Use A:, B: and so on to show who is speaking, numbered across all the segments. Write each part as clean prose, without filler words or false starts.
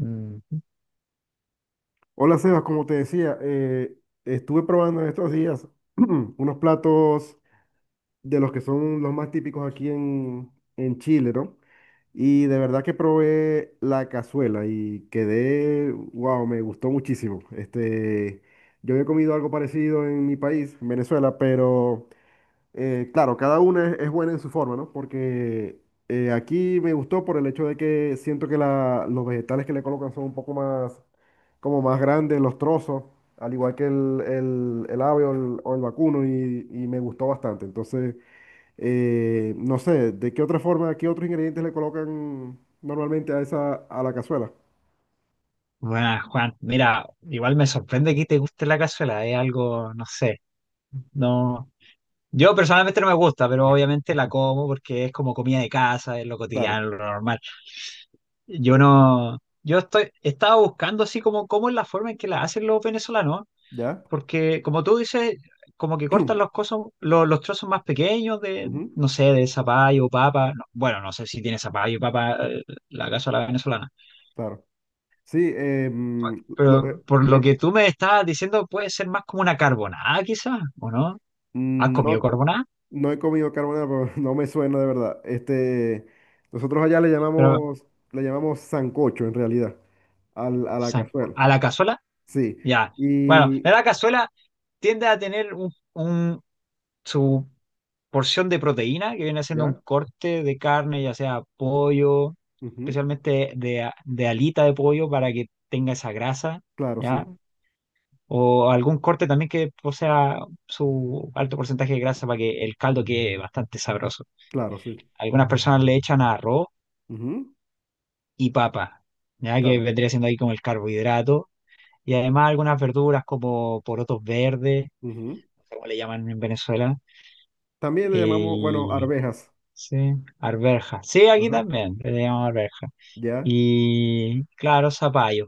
A: Mm,
B: Hola Sebas, como te decía, estuve probando en estos días unos platos de los que son los más típicos aquí en Chile, ¿no? Y de verdad que probé la cazuela y quedé, wow, me gustó muchísimo. Este, yo había comido algo parecido en mi país, en Venezuela, pero claro, cada una es buena en su forma, ¿no? Porque aquí me gustó por el hecho de que siento que los vegetales que le colocan son un poco más como más grandes los trozos, al igual que el ave o el vacuno, y me gustó bastante. Entonces, no sé, ¿de qué otra forma, qué otros ingredientes le colocan normalmente a esa, a la cazuela?
A: bueno, Juan, mira, igual me sorprende que te guste la cazuela, es algo, no sé, no. Yo personalmente no me gusta, pero obviamente la como porque es como comida de casa, es lo
B: Claro,
A: cotidiano, lo normal. Yo no, yo estoy, estaba buscando así como cómo es la forma en que la hacen los venezolanos,
B: ¿ya?
A: porque como tú dices, como que cortan los cosas, los trozos más pequeños de,
B: Ujú,
A: no sé, de zapallo, papa, no, bueno, no sé si tiene zapallo, papa, la cazuela venezolana.
B: claro. Sí, lo-
A: Pero
B: eh,
A: por lo
B: eh,
A: que tú me estás diciendo, puede ser más como una carbonada, quizás, ¿o no? ¿Has comido
B: no,
A: carbonada?
B: no he comido carbonara, pero no me suena de verdad. Este, nosotros allá le
A: Pero, o
B: llamamos, le llamamos sancocho en realidad, al, a la
A: sea,
B: cazuela.
A: ¿a la cazuela?
B: Sí,
A: Ya. Bueno,
B: y
A: la cazuela tiende a tener su porción de proteína, que viene siendo un
B: ya,
A: corte de carne, ya sea pollo,
B: ujú,
A: especialmente de alita de pollo, para que tenga esa grasa,
B: claro,
A: ¿ya?
B: sí,
A: O algún corte también que posea su alto porcentaje de grasa para que el caldo quede bastante sabroso.
B: claro, sí,
A: Algunas personas le echan arroz
B: ujú,
A: y papa, ya que
B: claro,
A: vendría siendo ahí como el carbohidrato. Y además algunas verduras como porotos verdes,
B: ujú.
A: no sé cómo le llaman en Venezuela.
B: También le
A: eh,
B: llamamos, bueno,
A: y-
B: arvejas,
A: sí, arveja. Sí, aquí
B: ajá,
A: también le llaman arveja.
B: ya,
A: Y claro, zapallo.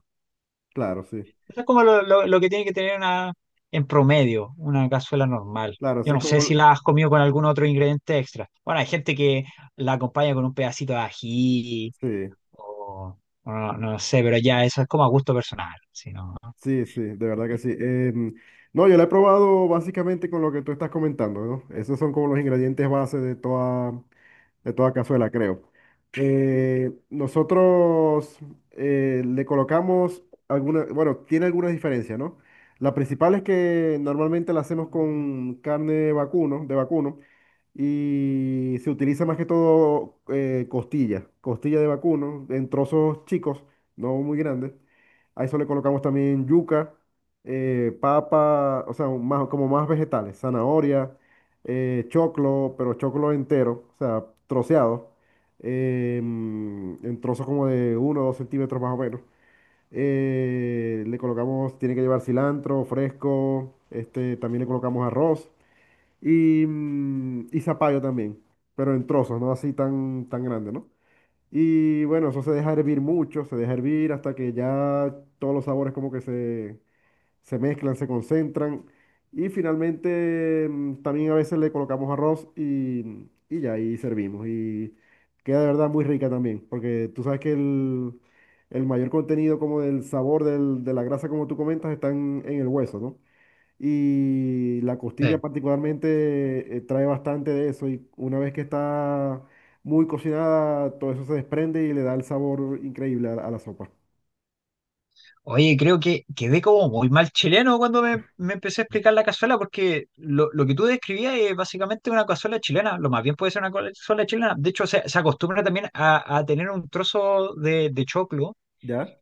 B: claro, sí,
A: Eso es como lo que tiene que tener una, en promedio una cazuela normal.
B: claro,
A: Yo
B: eso es
A: no sé
B: como,
A: si
B: el-
A: la has comido con algún otro ingrediente extra. Bueno, hay gente que la acompaña con un pedacito de ají.
B: Sí,
A: O, o no, no sé, pero ya eso es como a gusto personal. Si no,
B: sí, sí, de verdad que sí. No, yo la he probado básicamente con lo que tú estás comentando, ¿no? Esos son como los ingredientes base de toda cazuela, creo. Nosotros le colocamos alguna, bueno, tiene algunas diferencias, ¿no? La principal es que normalmente la hacemos con carne vacuno, de vacuno y se utiliza más que todo costilla de vacuno en trozos chicos, no muy grandes. A eso le colocamos también yuca, papa, o sea, más, como más vegetales, zanahoria, choclo, pero choclo entero, o sea, troceado, en trozos como de uno o 2 centímetros más o menos. Le colocamos, tiene que llevar cilantro fresco, este, también le colocamos arroz. Y zapallo también, pero en trozos, no así tan, tan grande, ¿no? Y bueno, eso se deja hervir mucho, se deja hervir hasta que ya todos los sabores como que se mezclan, se concentran. Y finalmente también a veces le colocamos arroz y ya ahí servimos. Y queda de verdad muy rica también, porque tú sabes que el mayor contenido como del sabor de la grasa, como tú comentas, está en el hueso, ¿no? Y la
A: sí.
B: costilla particularmente trae bastante de eso y una vez que está muy cocinada, todo eso se desprende y le da el sabor increíble a la sopa.
A: Oye, creo que quedé como muy mal chileno cuando me empecé a explicar la cazuela, porque lo que tú describías es básicamente una cazuela chilena, lo más bien puede ser una cazuela chilena. De hecho, se acostumbra también a tener un trozo de choclo
B: ¿Ya?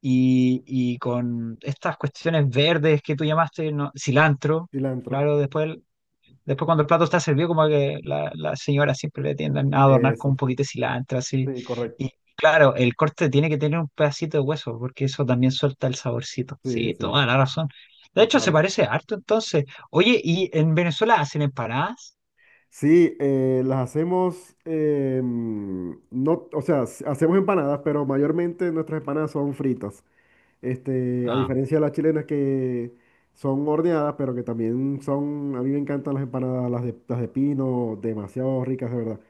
A: y con estas cuestiones verdes que tú llamaste, ¿no? Cilantro,
B: Cilantro.
A: claro, después. Después cuando el plato está servido, como que la señora siempre le tienden a adornar con un
B: Eso.
A: poquito de cilantro, así.
B: Sí, correcto.
A: Y claro, el corte tiene que tener un pedacito de hueso, porque eso también suelta el saborcito.
B: Sí,
A: Sí,
B: sí,
A: toda la razón. De hecho, se
B: total.
A: parece harto entonces. Oye, ¿y en Venezuela hacen empanadas?
B: Sí, las hacemos, no, o sea, hacemos empanadas, pero mayormente nuestras empanadas son fritas. Este, a
A: Ah.
B: diferencia de las chilenas que son horneadas, pero que también son, a mí me encantan las empanadas, las de pino, demasiado ricas, de verdad.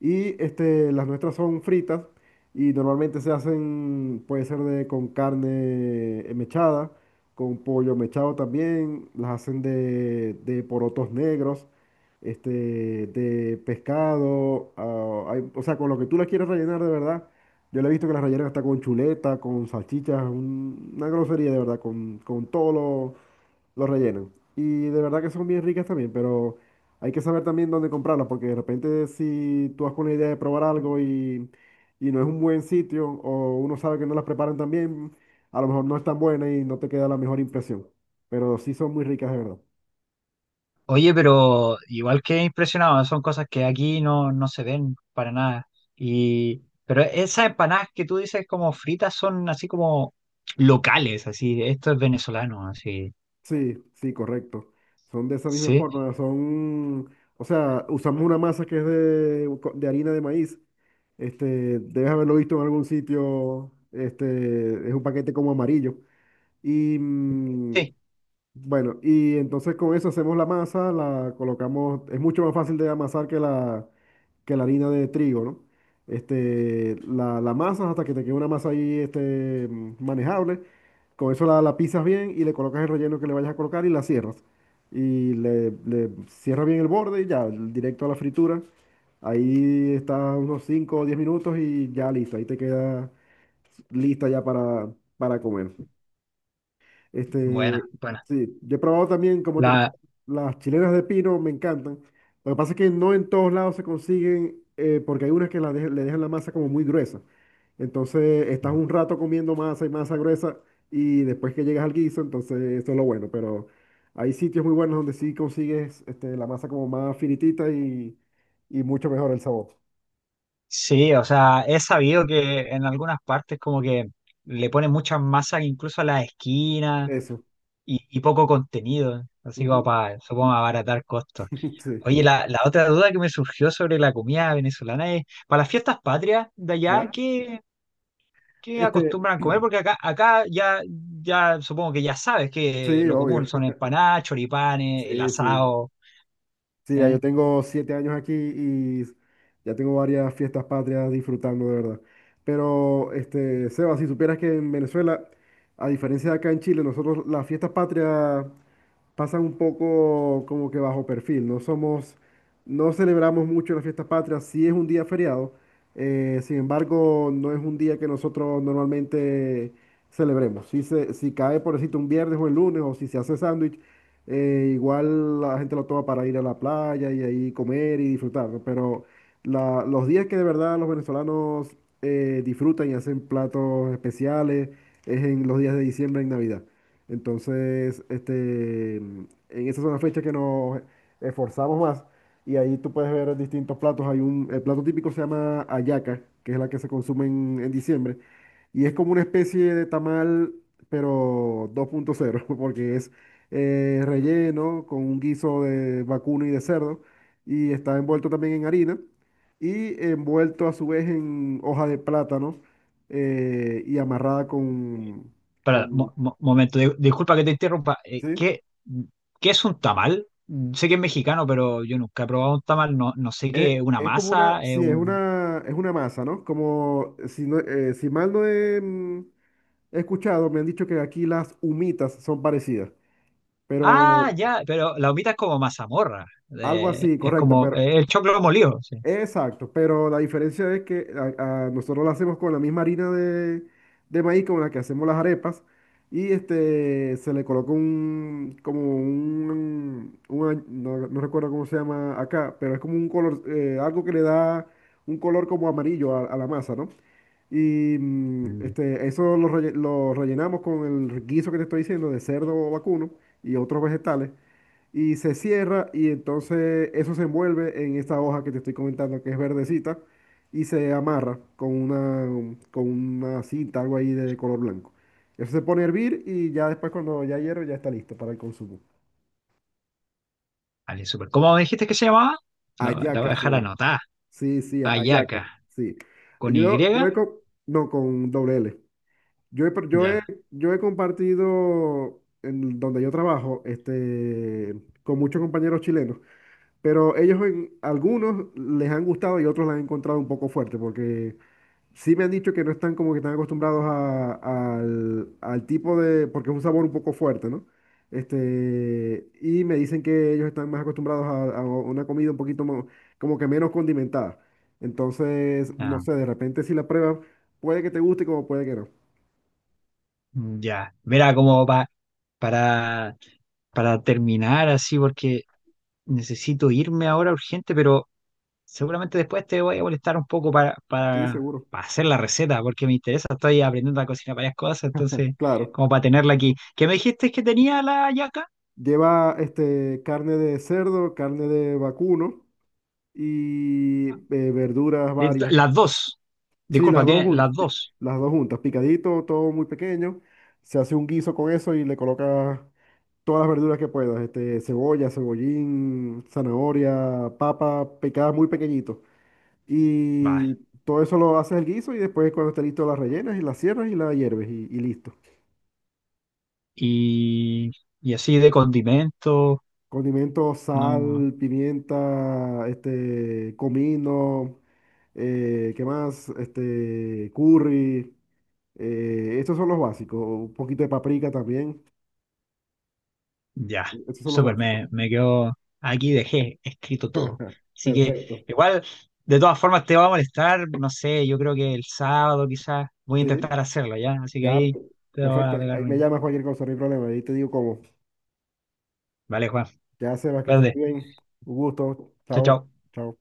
B: Y este, las nuestras son fritas y normalmente se hacen, puede ser de, con carne mechada, con pollo mechado también, las hacen de, porotos negros, este, de pescado, ah, o sea, con lo que tú las quieres rellenar de verdad. Yo le he visto que las rellenan hasta con chuleta, con salchichas, una grosería de verdad, con todo lo, los rellenan. Y de verdad que son bien ricas también, pero hay que saber también dónde comprarlas, porque de repente si tú vas con la idea de probar algo y no es un buen sitio, o uno sabe que no las preparan tan bien, a lo mejor no es tan buena y no te queda la mejor impresión. Pero sí son muy ricas de verdad.
A: Oye, pero igual que impresionado, son cosas que aquí no, no se ven para nada. Y, pero esas empanadas que tú dices como fritas son así como locales, así, esto es venezolano, así.
B: Sí, sí, correcto. Son de esa misma
A: Sí.
B: forma, son, o sea, usamos una masa que es de harina de maíz. Este, debes haberlo visto en algún sitio. Este, es un paquete como amarillo. Y
A: Sí.
B: bueno, y entonces con eso hacemos la masa, la colocamos, es mucho más fácil de amasar que la harina de trigo, ¿no? Este, la masa hasta que te quede una masa ahí este, manejable. Con eso la pisas bien y le colocas el relleno que le vayas a colocar y la cierras. Y le cierras bien el borde y ya, directo a la fritura. Ahí está unos 5 o 10 minutos y ya listo. Ahí te queda lista ya para comer. Este,
A: Buena, buena.
B: sí, yo he probado también, como te
A: La,
B: comenté, las chilenas de pino me encantan. Lo que pasa es que no en todos lados se consiguen, porque hay unas que le dejan la masa como muy gruesa. Entonces estás un rato comiendo masa y masa gruesa y después que llegas al guiso, entonces eso es lo bueno. Pero hay sitios muy buenos donde sí consigues este, la masa como más finitita y mucho mejor el sabor.
A: sí, o sea, he sabido que en algunas partes como que le ponen muchas masas incluso a las esquinas
B: Eso.
A: y poco contenido, así como
B: Ujú.
A: para, supongo, abaratar costos.
B: Sí.
A: Oye, la otra duda que me surgió sobre la comida venezolana es, para las fiestas patrias de allá,
B: ¿Ya?
A: ¿qué, qué
B: Este,
A: acostumbran comer? Porque acá ya, ya supongo que ya sabes que
B: sí,
A: lo común
B: obvio.
A: son empanadas, choripanes, el
B: Sí, sí.
A: asado,
B: Sí, ya yo
A: ¿sí?
B: tengo 7 años aquí y ya tengo varias fiestas patrias disfrutando, de verdad. Pero, este, Seba, si supieras que en Venezuela, a diferencia de acá en Chile, nosotros las fiestas patrias pasan un poco como que bajo perfil. No somos, no celebramos mucho la fiesta patria, sí es un día feriado, sin embargo, no es un día que nosotros normalmente celebremos. Si, se, si cae, por decirte, un viernes o el lunes, o si se hace sándwich, igual la gente lo toma para ir a la playa y ahí comer y disfrutar, ¿no? Pero los días que de verdad los venezolanos disfrutan y hacen platos especiales es en los días de diciembre, en Navidad. Entonces, este, en esas son las fechas que nos esforzamos más y ahí tú puedes ver distintos platos. Hay un, el plato típico se llama hallaca, que es la que se consume en diciembre y es como una especie de tamal, pero 2.0 porque es relleno con un guiso de vacuno y de cerdo y está envuelto también en harina y envuelto a su vez en hoja de plátano y amarrada
A: Espera,
B: con,
A: momento, disculpa que te interrumpa.
B: ¿sí?
A: ¿Qué, qué es un tamal? Mm, sé que es mexicano, pero yo nunca he probado un tamal. No, no sé qué es una
B: Es como una,
A: masa, es
B: sí,
A: un...
B: es una masa, ¿no? Como, si, si mal no he, he escuchado, me han dicho que aquí las humitas son parecidas,
A: Ah,
B: pero
A: ya, pero la humita es como mazamorra.
B: algo así,
A: Es
B: correcto,
A: como
B: pero,
A: el choclo molido. Sí.
B: exacto, pero la diferencia es que a nosotros la hacemos con la misma harina de maíz con la que hacemos las arepas y este, se le coloca un, como un no, no recuerdo cómo se llama acá, pero es como un color, algo que le da un color como amarillo a la masa, ¿no? Y
A: Mm,
B: este, eso lo, lo rellenamos con el guiso que te estoy diciendo de cerdo vacuno y otros vegetales. Y se cierra y entonces eso se envuelve en esta hoja que te estoy comentando que es verdecita y se amarra con una cinta, algo ahí de color blanco. Eso se pone a hervir y ya después cuando ya hierve ya está listo para el consumo.
A: vale, súper. ¿Cómo me dijiste que se llamaba? La voy a
B: Ayaca se
A: dejar
B: llama.
A: anotada.
B: Sí, sí, ayaca.
A: Ayaca.
B: Sí.
A: ¿Con Y?
B: No, con doble L. Yo he, pro- yo he,
A: Ya.
B: yo he compartido en donde yo trabajo este, con muchos compañeros chilenos, pero ellos en algunos les han gustado y otros la han encontrado un poco fuerte, porque sí me han dicho que no están como que están acostumbrados al tipo de, porque es un sabor un poco fuerte, ¿no? Este, y me dicen que ellos están más acostumbrados a, una comida un poquito como que menos condimentada. Entonces, no
A: Ah,
B: sé, de repente si la pruebas, puede que te guste como puede que no.
A: ya. Mira, como para, para terminar así, porque necesito irme ahora urgente, pero... Seguramente después te voy a molestar un poco
B: Sí, seguro.
A: para hacer la receta, porque me interesa, estoy aprendiendo a cocinar varias cosas, entonces,
B: Claro,
A: como para tenerla aquí. ¿Qué me dijiste que tenía la yaca?
B: lleva este, carne de cerdo, carne de vacuno y verduras
A: De-
B: varias.
A: Las dos.
B: Sí, las
A: Disculpa,
B: dos,
A: tiene las dos.
B: las dos juntas, picadito, todo muy pequeño. Se hace un guiso con eso y le colocas todas las verduras que puedas. Este, cebolla, cebollín, zanahoria, papa, picadas muy pequeñito. Y
A: Va.
B: todo eso lo haces el guiso y después cuando esté listo las rellenas y las cierras y la hierves y listo.
A: Y, y así de condimento,
B: Condimentos,
A: no.
B: sal, pimienta, este, comino, ¿qué más? Este, curry. Estos son los básicos. Un poquito de paprika también.
A: Ya,
B: Estos son los
A: súper,
B: básicos.
A: me quedo aquí, dejé escrito todo. Así que
B: Perfecto.
A: igual, de todas formas te va a molestar, no sé, yo creo que el sábado quizás voy a
B: Sí,
A: intentar hacerlo, ¿ya? Así que
B: ya,
A: ahí te voy
B: perfecto.
A: a pegar
B: Ahí me
A: un...
B: llamas cualquier cosa, no hay problema. Ahí te digo cómo.
A: Vale, Juan,
B: Ya, Sebas, que estés
A: verde,
B: muy bien. Un gusto.
A: chao,
B: Chao.
A: chao.
B: Chao.